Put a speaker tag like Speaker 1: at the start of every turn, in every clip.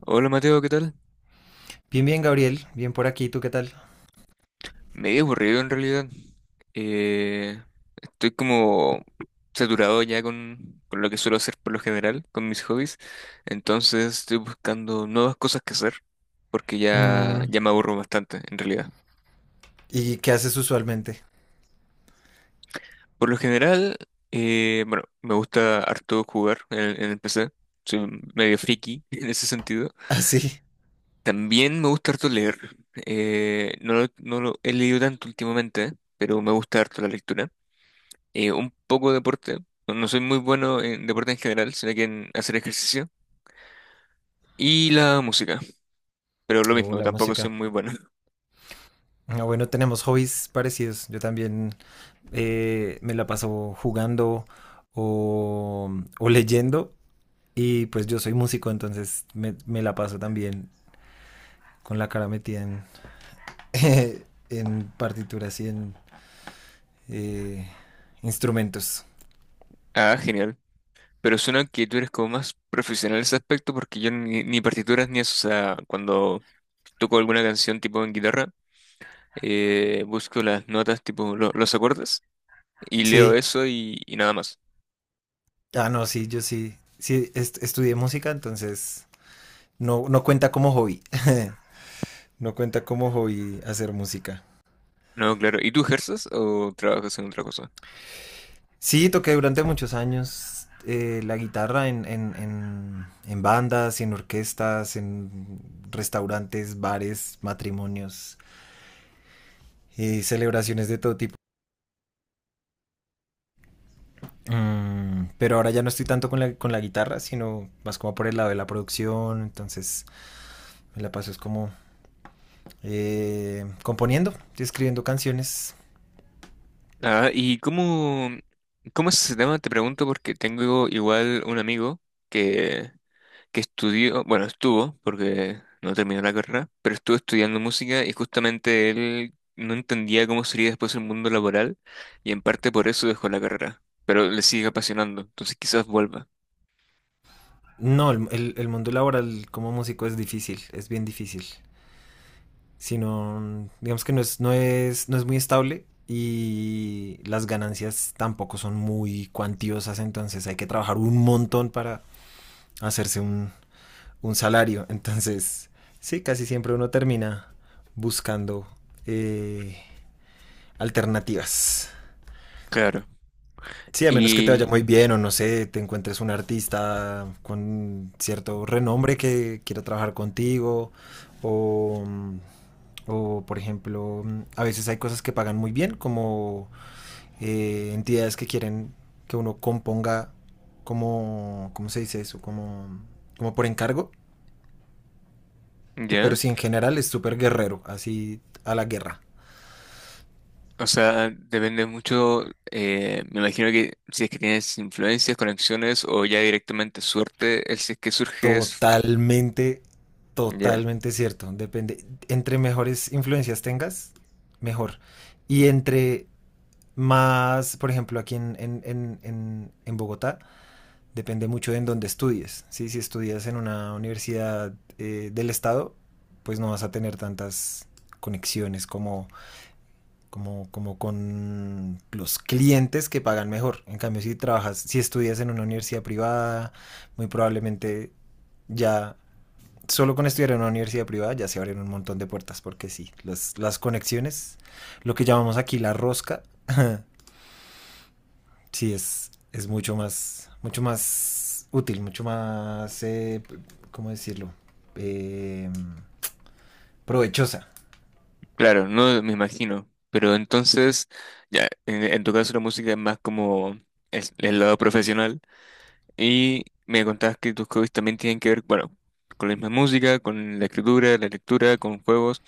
Speaker 1: Hola Mateo, ¿qué tal?
Speaker 2: Bien, bien, Gabriel. Bien por aquí. ¿Tú qué tal?
Speaker 1: Medio aburrido en realidad. Eh, Estoy como saturado ya con lo que suelo hacer por lo general, con mis hobbies. Entonces estoy buscando nuevas cosas que hacer porque ya,
Speaker 2: Mm,
Speaker 1: ya me aburro bastante en realidad.
Speaker 2: ¿y qué haces usualmente?
Speaker 1: Por lo general, bueno, me gusta harto jugar en el PC. Soy medio friki en ese sentido.
Speaker 2: Así.
Speaker 1: También me gusta harto leer. No, no lo he leído tanto últimamente, pero me gusta harto la lectura. Un poco de deporte. No, no soy muy bueno en deporte en general, sino que en hacer ejercicio. Y la música. Pero lo
Speaker 2: Oh,
Speaker 1: mismo,
Speaker 2: la
Speaker 1: tampoco soy
Speaker 2: música.
Speaker 1: muy bueno.
Speaker 2: Ah, bueno, tenemos hobbies parecidos. Yo también me la paso jugando o, o leyendo. Y pues yo soy músico, entonces me la paso también con la cara metida en, en partituras y en eh, instrumentos.
Speaker 1: Ah, genial. Pero suena que tú eres como más profesional en ese aspecto porque yo ni partituras ni eso. O sea, cuando toco alguna canción tipo en guitarra, busco las notas tipo los acordes y leo
Speaker 2: Sí.
Speaker 1: eso y nada más.
Speaker 2: Ah, no, sí, yo sí. Sí, estudié música, entonces no, no cuenta como hobby. No cuenta como hobby hacer música.
Speaker 1: No, claro. ¿Y tú ejerces o trabajas en otra cosa?
Speaker 2: Sí, toqué durante muchos años la guitarra en bandas, en orquestas, en restaurantes, bares, matrimonios y celebraciones de todo tipo. Mm, pero ahora ya no estoy tanto con la guitarra, sino más como por el lado de la producción. Entonces me la paso es como componiendo, escribiendo canciones.
Speaker 1: Ah, ¿cómo es ese tema? Te pregunto porque tengo igual un amigo que, que estudió, bueno, estuvo, porque no terminó la carrera, pero estuvo estudiando música y justamente él no entendía cómo sería después el mundo laboral y en parte por eso dejó la carrera, pero le sigue apasionando, entonces quizás vuelva.
Speaker 2: No, el mundo laboral como músico es difícil, es bien difícil. Si no, digamos que no es muy estable y las ganancias tampoco son muy cuantiosas, entonces hay que trabajar un montón para hacerse un, un salario. Entonces, sí, casi siempre uno termina buscando eh, alternativas.
Speaker 1: Claro.
Speaker 2: Sí, a menos que te vaya
Speaker 1: Y
Speaker 2: muy bien o no sé, te encuentres un artista con cierto renombre que quiera trabajar contigo o, mm, o, por ejemplo, mm, a veces hay cosas que pagan muy bien como entidades que quieren que uno componga como, ¿cómo se dice eso? Como, como por encargo,
Speaker 1: ya,
Speaker 2: pero sí en general es súper guerrero, así a la guerra.
Speaker 1: o sea, depende mucho, me imagino que si es que tienes influencias, conexiones o ya directamente suerte, el si es que surge.
Speaker 2: Totalmente,
Speaker 1: Ya,
Speaker 2: totalmente cierto. Depende. Entre mejores influencias tengas, mejor. Y entre más, por ejemplo, aquí en Bogotá, depende mucho de en dónde estudies, ¿sí? Si estudias en una universidad del estado, pues no vas a tener tantas conexiones como con los clientes que pagan mejor. En cambio, si trabajas, si estudias en una universidad privada, muy probablemente ya solo con estudiar en una universidad privada ya se abren un montón de puertas, porque sí, las conexiones, lo que llamamos aquí la rosca, sí es mucho más útil, mucho más, ¿cómo decirlo? Eh, provechosa.
Speaker 1: claro, no me imagino. Pero entonces, ya, en tu caso la música es más como el lado profesional. Y me contabas que tus hobbies también tienen que ver, bueno, con la misma música, con la escritura, la lectura, con juegos.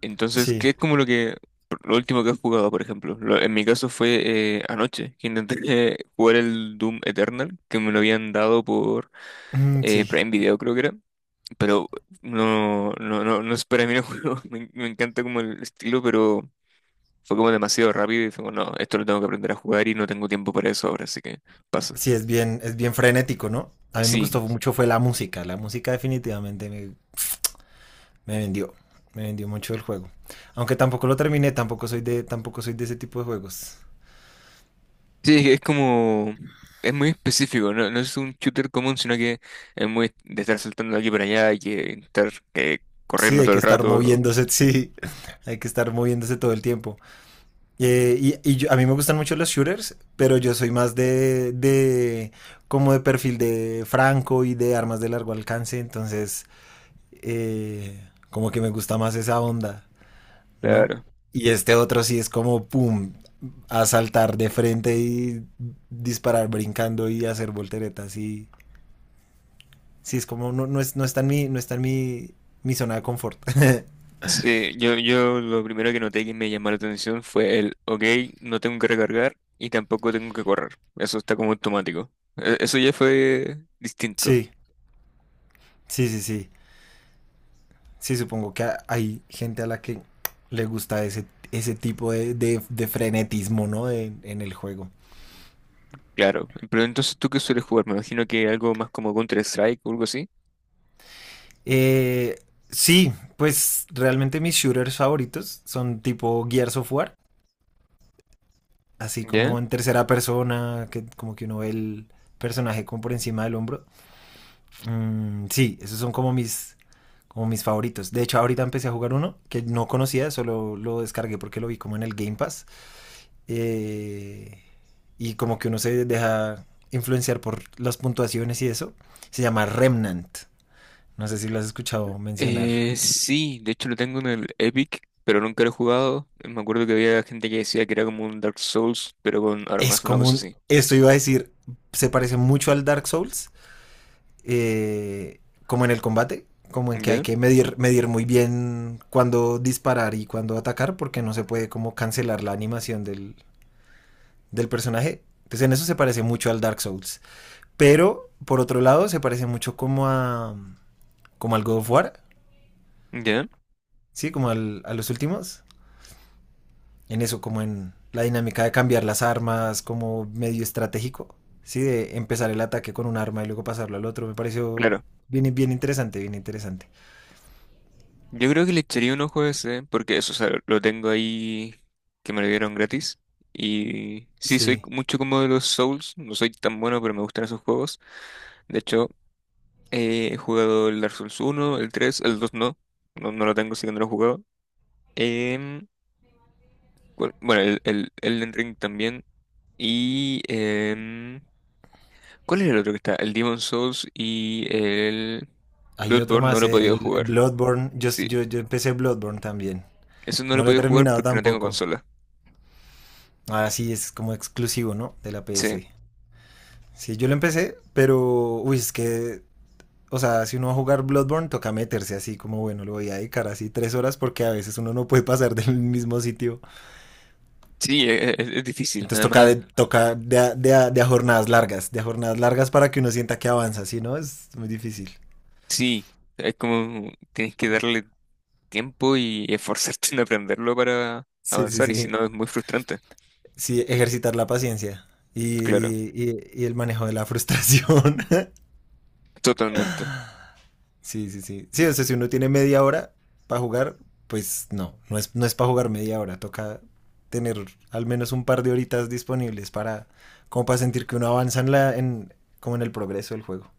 Speaker 1: Entonces,
Speaker 2: Sí.
Speaker 1: ¿qué es como lo que, ¿lo último que has jugado, por ejemplo? En mi caso fue anoche, que intenté jugar el Doom Eternal, que me lo habían dado por
Speaker 2: Mm, sí,
Speaker 1: Prime Video, creo que era. Pero no, no, no, no es para mí el juego. Me encanta como el estilo, pero fue como demasiado rápido y fue como, no, esto lo tengo que aprender a jugar y no tengo tiempo para eso ahora, así que paso.
Speaker 2: sí es bien frenético, ¿no? A mí me
Speaker 1: Sí,
Speaker 2: gustó mucho fue la música definitivamente me, me vendió, me vendió mucho el juego. Aunque tampoco lo terminé, tampoco soy de, tampoco soy de ese tipo de juegos.
Speaker 1: sí, es que es como... Es muy específico, no, no es un shooter común, sino que es muy de estar saltando de aquí para allá y que estar
Speaker 2: Sí,
Speaker 1: corriendo
Speaker 2: hay
Speaker 1: todo
Speaker 2: que
Speaker 1: el
Speaker 2: estar
Speaker 1: rato.
Speaker 2: moviéndose, sí, hay que estar moviéndose todo el tiempo. A mí me gustan mucho los shooters, pero yo soy más de como de perfil de franco y de armas de largo alcance, entonces como que me gusta más esa onda, ¿no?
Speaker 1: Claro.
Speaker 2: Y este otro sí es como, pum, a saltar de frente y disparar brincando y hacer volteretas y sí, es como, no, no, no está no está en mi, mi zona de confort.
Speaker 1: Sí, yo lo primero que noté que me llamó la atención fue el, ok, no tengo que recargar y tampoco tengo que correr. Eso está como automático. E- Eso ya fue distinto,
Speaker 2: Sí, sí, sí, sí. Sí, supongo que hay gente a la que le gusta ese, ese tipo de frenetismo, ¿no? De- en el juego.
Speaker 1: claro. Pero entonces, ¿tú qué sueles jugar? Me imagino que algo más como Counter-Strike o algo así.
Speaker 2: Eh, sí, pues realmente mis shooters favoritos son tipo Gears of War, así
Speaker 1: ¿Ya?
Speaker 2: como en tercera persona, que como que uno ve el personaje como por encima del hombro. Mm, sí, esos son como mis favoritos. De hecho, ahorita empecé a jugar uno que no conocía, solo lo descargué porque lo vi como en el Game Pass. eh, y como que uno se deja influenciar por las puntuaciones y eso, se llama Remnant. No sé si lo has escuchado mencionar.
Speaker 1: Sí, de hecho lo tengo en el Epic, pero nunca lo he jugado. Me acuerdo que había gente que decía que era como un Dark Souls, pero con
Speaker 2: Es
Speaker 1: armas, una
Speaker 2: como
Speaker 1: cosa
Speaker 2: un,
Speaker 1: así.
Speaker 2: esto iba a decir, se parece mucho al Dark Souls, eh, como en el combate, como en que hay
Speaker 1: ¿Ya?
Speaker 2: que medir, medir muy bien cuándo disparar y cuándo atacar, porque no se puede como cancelar la animación del personaje. Entonces en eso se parece mucho al Dark Souls. Pero, por otro lado, se parece mucho como a como al God of War.
Speaker 1: ¿Ya?
Speaker 2: Sí, como a los últimos. En eso, como en la dinámica de cambiar las armas, como medio estratégico. Sí, de empezar el ataque con un arma y luego pasarlo al otro. Me pareció bien, bien interesante, bien interesante.
Speaker 1: Yo creo que le echaría un ojo a ese, porque eso, o sea, lo tengo ahí que me lo dieron gratis. Y sí, soy
Speaker 2: Sí.
Speaker 1: mucho como de los Souls, no soy tan bueno, pero me gustan esos juegos. De hecho, he jugado el Dark Souls uno el 3 el 2 no, no, no lo tengo, así que no lo he jugado. Em, ¿cuál- bueno, el Elden Ring también. Y... em, ¿cuál era el otro que está? El Demon Souls y el
Speaker 2: Hay otro
Speaker 1: Bloodborne no
Speaker 2: más,
Speaker 1: lo he podido
Speaker 2: el
Speaker 1: jugar.
Speaker 2: Bloodborne.
Speaker 1: Sí,
Speaker 2: Yo empecé Bloodborne también.
Speaker 1: eso no lo
Speaker 2: No
Speaker 1: he
Speaker 2: lo he
Speaker 1: podido jugar
Speaker 2: terminado
Speaker 1: porque no tengo
Speaker 2: tampoco.
Speaker 1: consola.
Speaker 2: Ah, sí, es como exclusivo, ¿no? De la
Speaker 1: Sí.
Speaker 2: PS. Sí, yo lo empecé, pero... Uy, es que o sea, si uno va a jugar Bloodborne, toca meterse así como, bueno, le voy a dedicar así 3 horas porque a veces uno no puede pasar del mismo sitio.
Speaker 1: Sí, es difícil.
Speaker 2: Entonces
Speaker 1: Además,
Speaker 2: toca de, a, de, a, de a jornadas largas, de a jornadas largas para que uno sienta que avanza, ¿sí? ¿No? Es muy difícil.
Speaker 1: sí, es como tienes que darle tiempo y esforzarte en aprenderlo para
Speaker 2: Sí, sí,
Speaker 1: avanzar y si
Speaker 2: sí.
Speaker 1: no es muy frustrante.
Speaker 2: Sí, ejercitar la paciencia y,
Speaker 1: Claro,
Speaker 2: y el manejo de la frustración.
Speaker 1: totalmente.
Speaker 2: Sí, sí, sí. Sí, o sea, si uno tiene media hora para jugar, pues no es, no es para jugar media hora, toca tener al menos un par de horitas disponibles para, como para sentir que uno avanza en, como en el progreso del juego.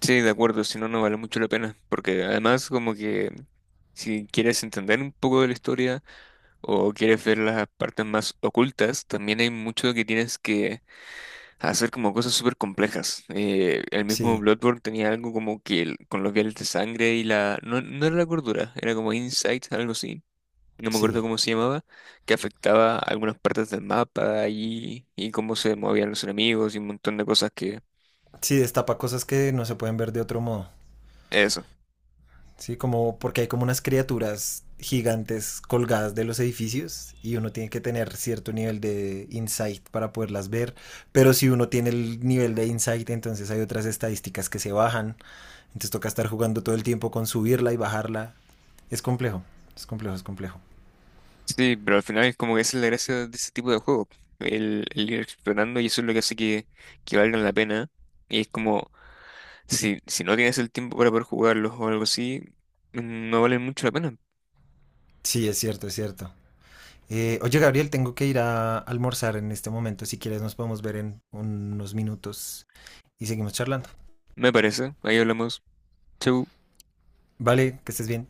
Speaker 1: Sí, de acuerdo, si no, no vale mucho la pena. Porque además como que si quieres entender un poco de la historia o quieres ver las partes más ocultas, también hay mucho que tienes que a hacer como cosas súper complejas. El mismo
Speaker 2: Sí,
Speaker 1: Bloodborne tenía algo como que con los viales de sangre y la... No, no era la cordura, era como Insight, algo así. No me acuerdo
Speaker 2: sí.
Speaker 1: cómo se llamaba, que afectaba algunas partes del mapa y cómo se movían los enemigos y un montón de cosas que...
Speaker 2: Sí, destapa cosas que no se pueden ver de otro modo.
Speaker 1: Eso.
Speaker 2: Sí, como porque hay como unas criaturas gigantes colgadas de los edificios y uno tiene que tener cierto nivel de insight para poderlas ver, pero si uno tiene el nivel de insight, entonces hay otras estadísticas que se bajan. Entonces toca estar jugando todo el tiempo con subirla y bajarla. Es complejo, es complejo, es complejo.
Speaker 1: Sí, pero al final es como que esa es la gracia de ese tipo de juego. El ir explorando y eso es lo que hace que valgan la pena. Y es como, si, si no tienes el tiempo para poder jugarlos o algo así, no valen mucho la pena.
Speaker 2: Sí, es cierto, es cierto. Oye, Gabriel, tengo que ir a almorzar en este momento. Si quieres, nos podemos ver en unos minutos y seguimos charlando.
Speaker 1: Me parece. Ahí hablamos. Chau.
Speaker 2: Vale, que estés bien.